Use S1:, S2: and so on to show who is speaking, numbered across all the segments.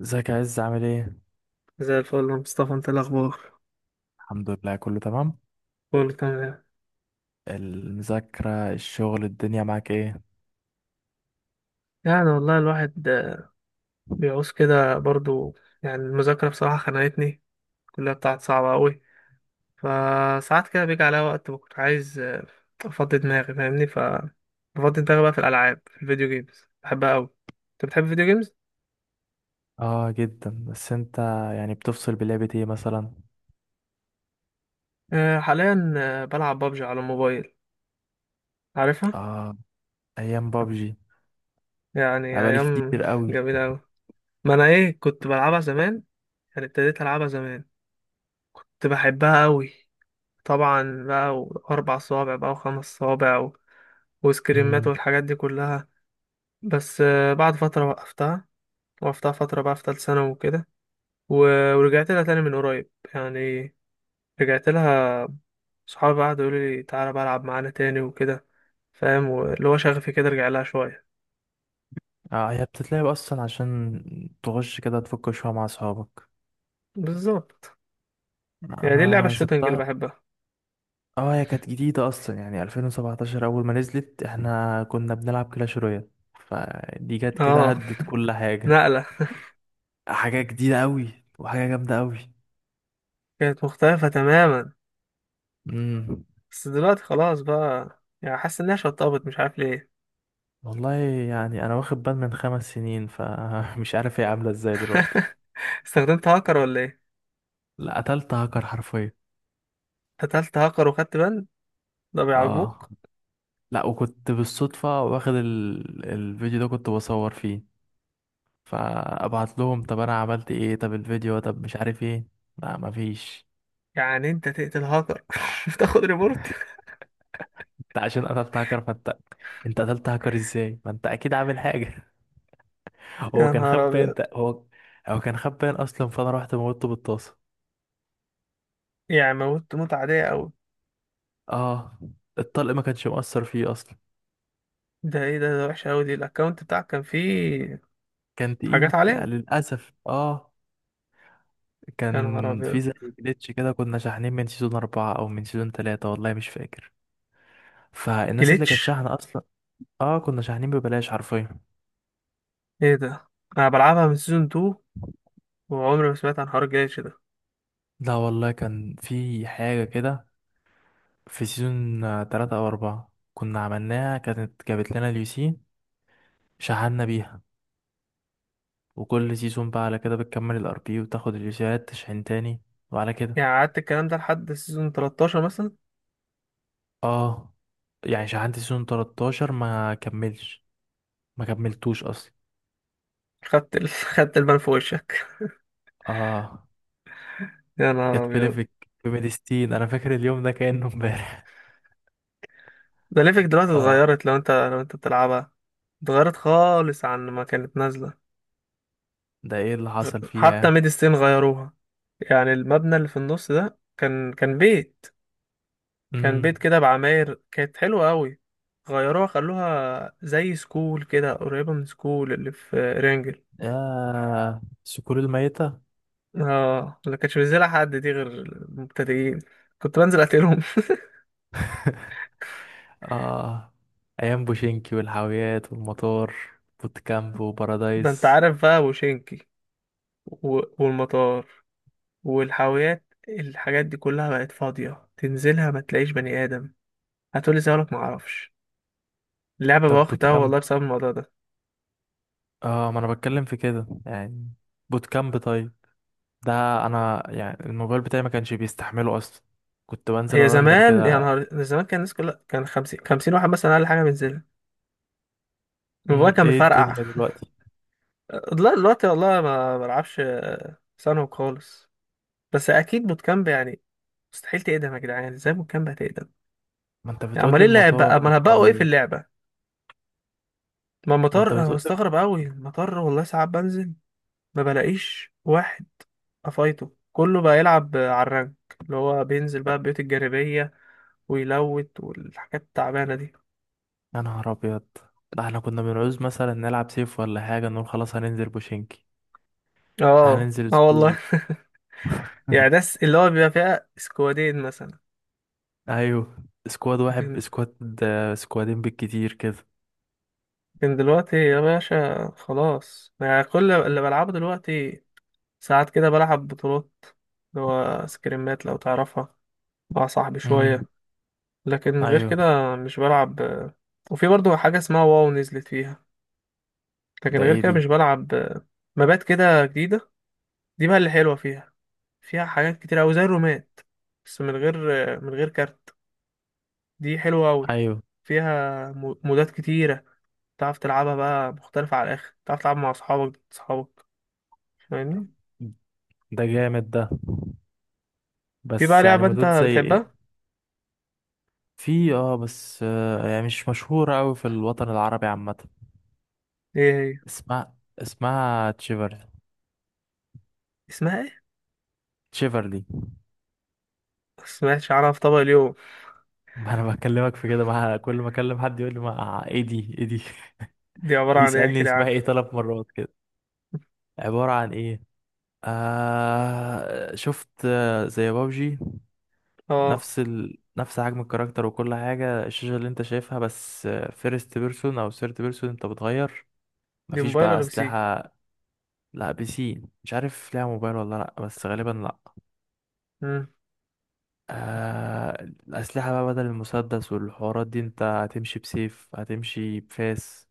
S1: ازيك يا عز، عامل ايه؟
S2: زي الفل يا مصطفى، انت إيه الاخبار؟
S1: الحمد لله، كله تمام.
S2: كله تمام.
S1: المذاكرة، الشغل، الدنيا معاك ايه؟
S2: يعني والله الواحد بيعوز كده برضو. يعني المذاكرة بصراحة خنقتني، الكلية بتاعت صعبة قوي، فساعات كده بيجي عليا وقت بكون عايز افضي دماغي، فاهمني. بفضي دماغي بقى في الالعاب، في الفيديو جيمز، بحبها قوي. انت بتحب الفيديو جيمز؟
S1: اه جدا. بس انت يعني بتفصل بلعبة ايه مثلا؟
S2: حاليا بلعب بابجي على الموبايل، عارفها.
S1: اه، ايام بابجي
S2: يعني
S1: بقالي
S2: ايام
S1: كتير قوي.
S2: جميلة قوي، ما انا ايه كنت بلعبها زمان، يعني ابتديت العبها زمان، كنت بحبها قوي. طبعا بقى، واربع صوابع بقى، وخمس صوابع، وسكريمات
S1: امم
S2: والحاجات دي كلها. بس بعد فترة وقفتها، وقفتها فترة بقى في تالت ثانوي وكده. ورجعت لها تاني من قريب، يعني رجعت لها. صحابي بقى قعدوا يقولوا لي تعالى بقى العب معانا تاني وكده، فاهم. واللي هو شغفي كده رجع لها شوية.
S1: اه، هي بتتلعب اصلا عشان تخش كده تفك شوية مع اصحابك.
S2: بالظبط، يعني دي اللعبة
S1: انا
S2: الشوتنج اللي
S1: سبتها.
S2: بحبها.
S1: اه هي كانت جديدة اصلا، يعني 2017 اول ما نزلت احنا كنا بنلعب كلاش رويال، فدي جت كده
S2: اه،
S1: هدت كل حاجة.
S2: نقلة.
S1: حاجة جديدة قوي وحاجة جامدة
S2: كانت مختلفة تماما.
S1: قوي.
S2: بس دلوقتي خلاص بقى، يعني حاسس انها شطبت، مش عارف ليه.
S1: والله يعني انا واخد بال من 5 سنين، فمش عارف هي عامله ازاي دلوقتي.
S2: استخدمت هاكر ولا ايه؟
S1: لا، قتلت هاكر حرفيا.
S2: قتلت هاكر وخدت بند؟ ده
S1: اه،
S2: بيعجبوك؟
S1: لا وكنت بالصدفه واخد الفيديو ده، كنت بصور فيه. فابعت لهم طب انا عملت ايه، طب الفيديو، طب مش عارف ايه. لا مفيش.
S2: يعني انت تقتل هاكر وتاخد ريبورت؟
S1: انت عشان قتلت هاكر فانت، انت قتلت هاكر ازاي، ما انت اكيد عامل حاجه. هو
S2: يا
S1: كان
S2: نهار
S1: خبان
S2: ابيض.
S1: انت هو. هو كان خبان اصلا، فانا رحت موته بالطاسه.
S2: يعني موت موت عادية اوي؟
S1: اه، الطلق ما كانش مؤثر فيه اصلا.
S2: ده ايه ده وحشة اوي دي. الاكونت بتاعك كان فيه
S1: كان تقيل
S2: حاجات
S1: يعني
S2: عليه؟
S1: للأسف، اه.
S2: يا نهار
S1: كان
S2: ابيض.
S1: في زي جليتش كده، كنا شاحنين من سيزون 4 أو من سيزون 3، والله مش فاكر. فالناس اللي كانت
S2: جليتش؟
S1: شاحنة أصلا، اه كنا شاحنين ببلاش حرفيا.
S2: ايه ده؟ انا بلعبها من سيزون 2 وعمري ما سمعت عن حوار الجليتش ده.
S1: لا والله كان في حاجة كده. في سيزون تلاتة أو أربعة كنا عملناها، كانت جابت لنا اليوسين، شحنا بيها. وكل سيزون بقى على كده بتكمل الار بي وتاخد اليوسيات تشحن تاني، وعلى كده.
S2: يعني قعدت الكلام ده لحد سيزون 13 مثلا؟
S1: اه، يعني شحنت سيزون 13 ما كملش، ما كملتوش اصلا.
S2: خدت خدت البان في وشك.
S1: اه.
S2: يا نهار
S1: كانت في
S2: ابيض.
S1: ليفك، في ميديستين. انا فاكر اليوم ده كأنه امبارح.
S2: ده ليفك دلوقتي
S1: اه.
S2: اتغيرت، لو انت بتلعبها. اتغيرت خالص عن ما كانت نازلة.
S1: ده ايه اللي حصل
S2: حتى
S1: فيها؟
S2: ميد ستيل غيروها. يعني المبنى اللي في النص ده كان بيت. كان بيت
S1: امم
S2: كده بعماير كانت حلوة قوي. غيروها، خلوها زي سكول كده، قريبة من سكول اللي في رانجل.
S1: يا الصقور الميتة.
S2: اه، ما كانش بينزلها حد دي غير المبتدئين، كنت بنزل اقتلهم.
S1: اه، ايام بوشينكي والحاويات والمطار، بوتكامب
S2: ده انت
S1: وبارادايس.
S2: عارف بقى وشينكي، والمطار، والحاويات. الحاجات دي كلها بقت فاضية، تنزلها ما تلاقيش بني آدم. هتقولي زي ما معرفش. اللعبة بقى
S1: طب
S2: واخد قهوة
S1: بوتكامب؟
S2: والله بسبب الموضوع ده.
S1: اه ما انا بتكلم في كده يعني. بوتكامب، طيب. ده انا يعني الموبايل بتاعي ما كانش بيستحمله اصلا، كنت بنزل
S2: هي
S1: ارندر
S2: زمان، يا
S1: كده.
S2: نهار زمان، كان الناس كلها كان خمسين خمسين واحد مثلا أقل حاجة بينزلها، الموبايل كان
S1: ايه
S2: بيفرقع.
S1: الدنيا دلوقتي؟
S2: لا دلوقتي والله ما بلعبش، ثانوي خالص. بس أكيد بوت كامب يعني مستحيل تقدم، يا جدعان ازاي بوت كامب هتقدم؟
S1: ما انت
S2: يعني
S1: بتقول
S2: أمال
S1: لي
S2: ايه اللعب بقى،
S1: المطار
S2: أمال هبقوا ايه
S1: والحاويات.
S2: في اللعبة؟ ما
S1: ما انت
S2: المطار، أنا
S1: بتقول.
S2: مستغرب أوي، المطار والله ساعات بنزل ما بلاقيش واحد. أفايته كله بقى يلعب على الرانك، اللي هو بينزل بقى البيوت الجانبية ويلوت والحاجات التعبانة دي.
S1: يا نهار ابيض. ده احنا كنا بنعوز مثلا نلعب سيف ولا حاجه نقول خلاص هننزل بوشينكي.
S2: اه،
S1: هننزل
S2: اه، والله.
S1: سكواد.
S2: يعني ناس اللي هو بيبقى فيها سكوادين مثلا.
S1: ايوه، سكواد واحد،
S2: لكن
S1: سكواد سكوادين بالكتير كده.
S2: لكن دلوقتي يا باشا خلاص، يعني كل اللي بلعبه دلوقتي ساعات كده بلعب بطولات، اللي هو سكريمات لو تعرفها، مع صاحبي
S1: امم
S2: شوية. لكن غير
S1: ايوه.
S2: كده مش بلعب. وفي برضه حاجة اسمها واو نزلت فيها، لكن
S1: ده
S2: غير
S1: ايه
S2: كده
S1: دي؟
S2: مش بلعب. مبات كده جديدة، دي بقى اللي حلوة فيها. فيها حاجات كتير أوي زي الرومات، بس من غير كارت. دي حلوة أوي.
S1: ايوه.
S2: فيها مودات كتيرة، تعرف تلعبها بقى مختلفة على الآخر، تعرف تلعب مع أصحابك أصحابك، فاهمني.
S1: ده جامد ده.
S2: في بقى
S1: بس يعني
S2: لعبة أنت
S1: مدود زي
S2: بتحبها؟
S1: ايه؟ في، اه بس يعني مش مشهوره قوي في الوطن العربي عامه.
S2: إيه هي؟
S1: اسمها، تشيفر.
S2: اسمها إيه؟
S1: تشيفرلي.
S2: مسمعتش عنها في طبق اليوم.
S1: ما انا بكلمك في كده. ما كل ما اكلم حد يقول لي ما ايه دي ايه دي.
S2: دي عبارة عن إيه،
S1: ويسالني
S2: احكي لي
S1: اسمها ايه
S2: عنها.
S1: 3 مرات. عبارة عن ايه؟ آه شفت زي بابجي.
S2: آه.
S1: نفس حجم الكاركتر وكل حاجة، الشاشة اللي انت شايفها بس. فيرست بيرسون او ثيرد بيرسون انت بتغير.
S2: دي
S1: مفيش
S2: موبايل
S1: بقى
S2: ولا بي سي؟
S1: اسلحة. لا بي سي، مش عارف ليها موبايل ولا لا، بس غالبا لا.
S2: مم.
S1: آه. الاسلحة بقى بدل المسدس والحوارات دي، انت هتمشي بسيف، هتمشي بفاس،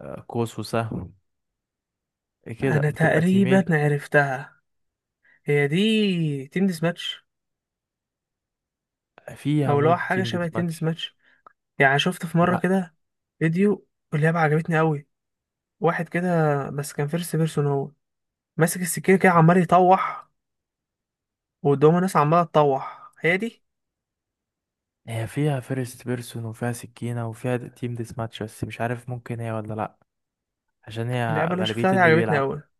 S1: آه قوس وسهم، إيه كده.
S2: أنا
S1: بتبقى
S2: تقريبا
S1: تيمين.
S2: عرفتها، هي دي تنس ماتش،
S1: فيها
S2: أو اللي هو
S1: مود
S2: حاجة
S1: تيم ديت
S2: شبه تنس
S1: ماتش.
S2: ماتش. يعني شفت في مرة
S1: لا،
S2: كده فيديو، واللعبة عجبتني أوي. واحد كده، بس كان فيرست بيرسون، هو ماسك السكينة كده عمال يطوح، وقدامه ناس عمالة تطوح. هي دي
S1: هي فيها فيرست بيرسون وفيها سكينة وفيها تيم ديس ماتش، بس مش عارف ممكن هي ولا لأ، عشان هي
S2: اللعبة اللي أنا
S1: غالبية
S2: شفتها دي،
S1: اللي
S2: عجبتني
S1: بيلعب.
S2: أوي.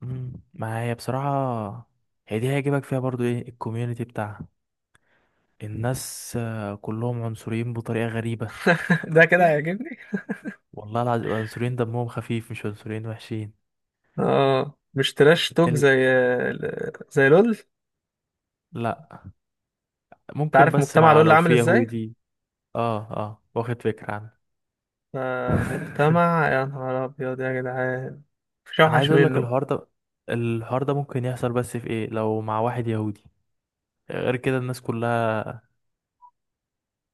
S1: ما هي بصراحة، هي دي هيجيبك فيها برضو ايه الكوميونتي بتاعها. الناس كلهم عنصريين بطريقة غريبة.
S2: ده كده هيعجبني.
S1: والله العظيم عنصريين دمهم خفيف، مش عنصريين وحشين.
S2: اه، مش تراش توك
S1: ال...
S2: زي، زي لول؟ انت
S1: لأ. ممكن،
S2: عارف
S1: بس
S2: مجتمع
S1: مع
S2: لول
S1: لو
S2: عامل
S1: في
S2: ازاي؟
S1: يهودي. اه اه، واخد فكرة عنه.
S2: مجتمع يا نهار أبيض يا جدعان، مفيش
S1: انا عايز
S2: أوحش
S1: اقول لك،
S2: منه.
S1: الحوار ده ممكن يحصل، بس في ايه لو مع واحد يهودي. غير كده الناس كلها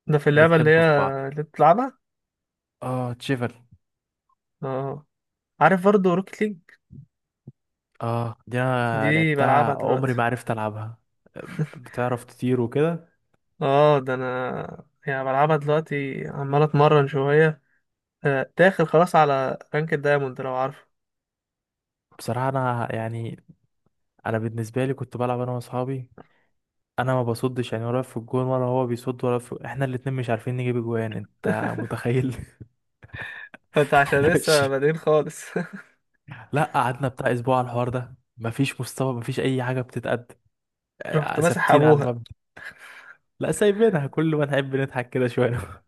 S2: ده في اللعبة اللي
S1: بتحب
S2: هي
S1: في بعض.
S2: اللي بتلعبها؟
S1: اه، تشيفل.
S2: اه. عارف برضه روكيت ليج؟
S1: اه دي انا
S2: دي بلعبها
S1: لعبتها،
S2: دلوقتي.
S1: عمري ما عرفت العبها. بتعرف تطير وكده.
S2: اه، ده أنا يعني بلعبها دلوقتي، عمال أتمرن شوية، داخل خلاص على رانك الدايموند لو عارفه.
S1: بصراحة انا يعني، انا بالنسبة لي كنت بلعب انا واصحابي. انا ما بصدش يعني، ولا في الجون ولا هو بيصد، ولا في احنا الاتنين مش عارفين نجيب جوان. انت متخيل؟
S2: انت عشان
S1: احنا
S2: لسه
S1: ماشيين.
S2: بادئين خالص.
S1: لا، قعدنا بتاع اسبوع على الحوار ده، مفيش مستوى، مفيش اي حاجة بتتقدم.
S2: رحت
S1: آه،
S2: ماسح
S1: ثابتين على
S2: ابوها.
S1: المبدأ. لا، سايبينها كل ما نحب نضحك كده شوية.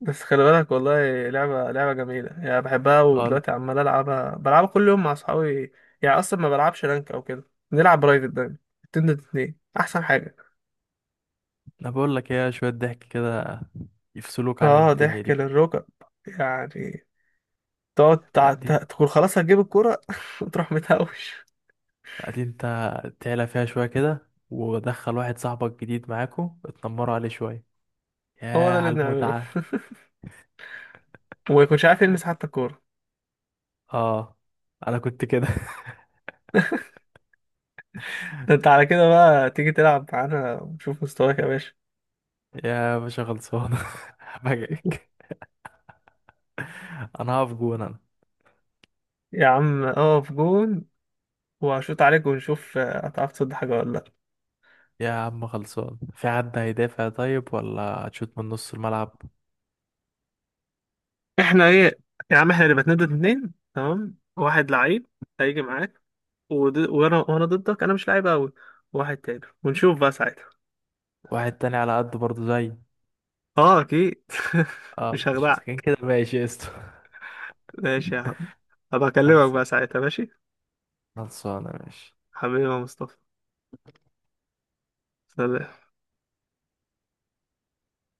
S2: بس خلي بالك والله لعبة جميلة، يعني بحبها ودلوقتي عمال ألعبها، بلعبها كل يوم مع أصحابي. يعني أصلا ما بلعبش رانك أو كده، بنلعب برايفت دايما، اتنين ضد اتنين أحسن حاجة.
S1: انا بقول لك ايه، شويه ضحك كده يفصلوك عن
S2: اه،
S1: الدنيا
S2: ضحك
S1: دي.
S2: للركب، يعني. تقعد
S1: قاعدين
S2: تقول خلاص هتجيب الكورة وتروح متهوش.
S1: قاعدين انت تعلى فيها شويه كده، ودخل واحد صاحبك جديد معاكو اتنمروا عليه شويه.
S2: هو
S1: ياه
S2: ده اللي
S1: على
S2: بنعمله،
S1: المتعه.
S2: وما يكونش عارف يلمس حتى الكورة.
S1: اه انا كنت كده.
S2: ده انت على كده بقى تيجي تلعب معانا، ونشوف مستواك يا باشا.
S1: يا باشا خلصان. بجاك. انا هقف جون انا.
S2: يا عم اقف جون، وهشوط عليك ونشوف هتعرف تصد حاجة ولا لأ.
S1: يا عم خلصان، في حد هيدافع طيب ولا هتشوت من نص الملعب؟
S2: احنا ايه؟ يا عم احنا اللي بنتندد، اتنين تمام، واحد لعيب هيجي معاك، وانا ضدك، انا مش لعيب قوي، واحد تاني، ونشوف بقى ساعتها.
S1: واحد تاني على قده برضه زي.
S2: اه اكيد،
S1: اه،
S2: مش
S1: مش ساكن
S2: هخدعك.
S1: كده، ماشي قشطة.
S2: ماشي يا عم، هبقى اكلمك
S1: خلصان.
S2: بقى ساعتها ماشي.
S1: خلصانه، ماشي.
S2: حبيبي يا مصطفى، سلام.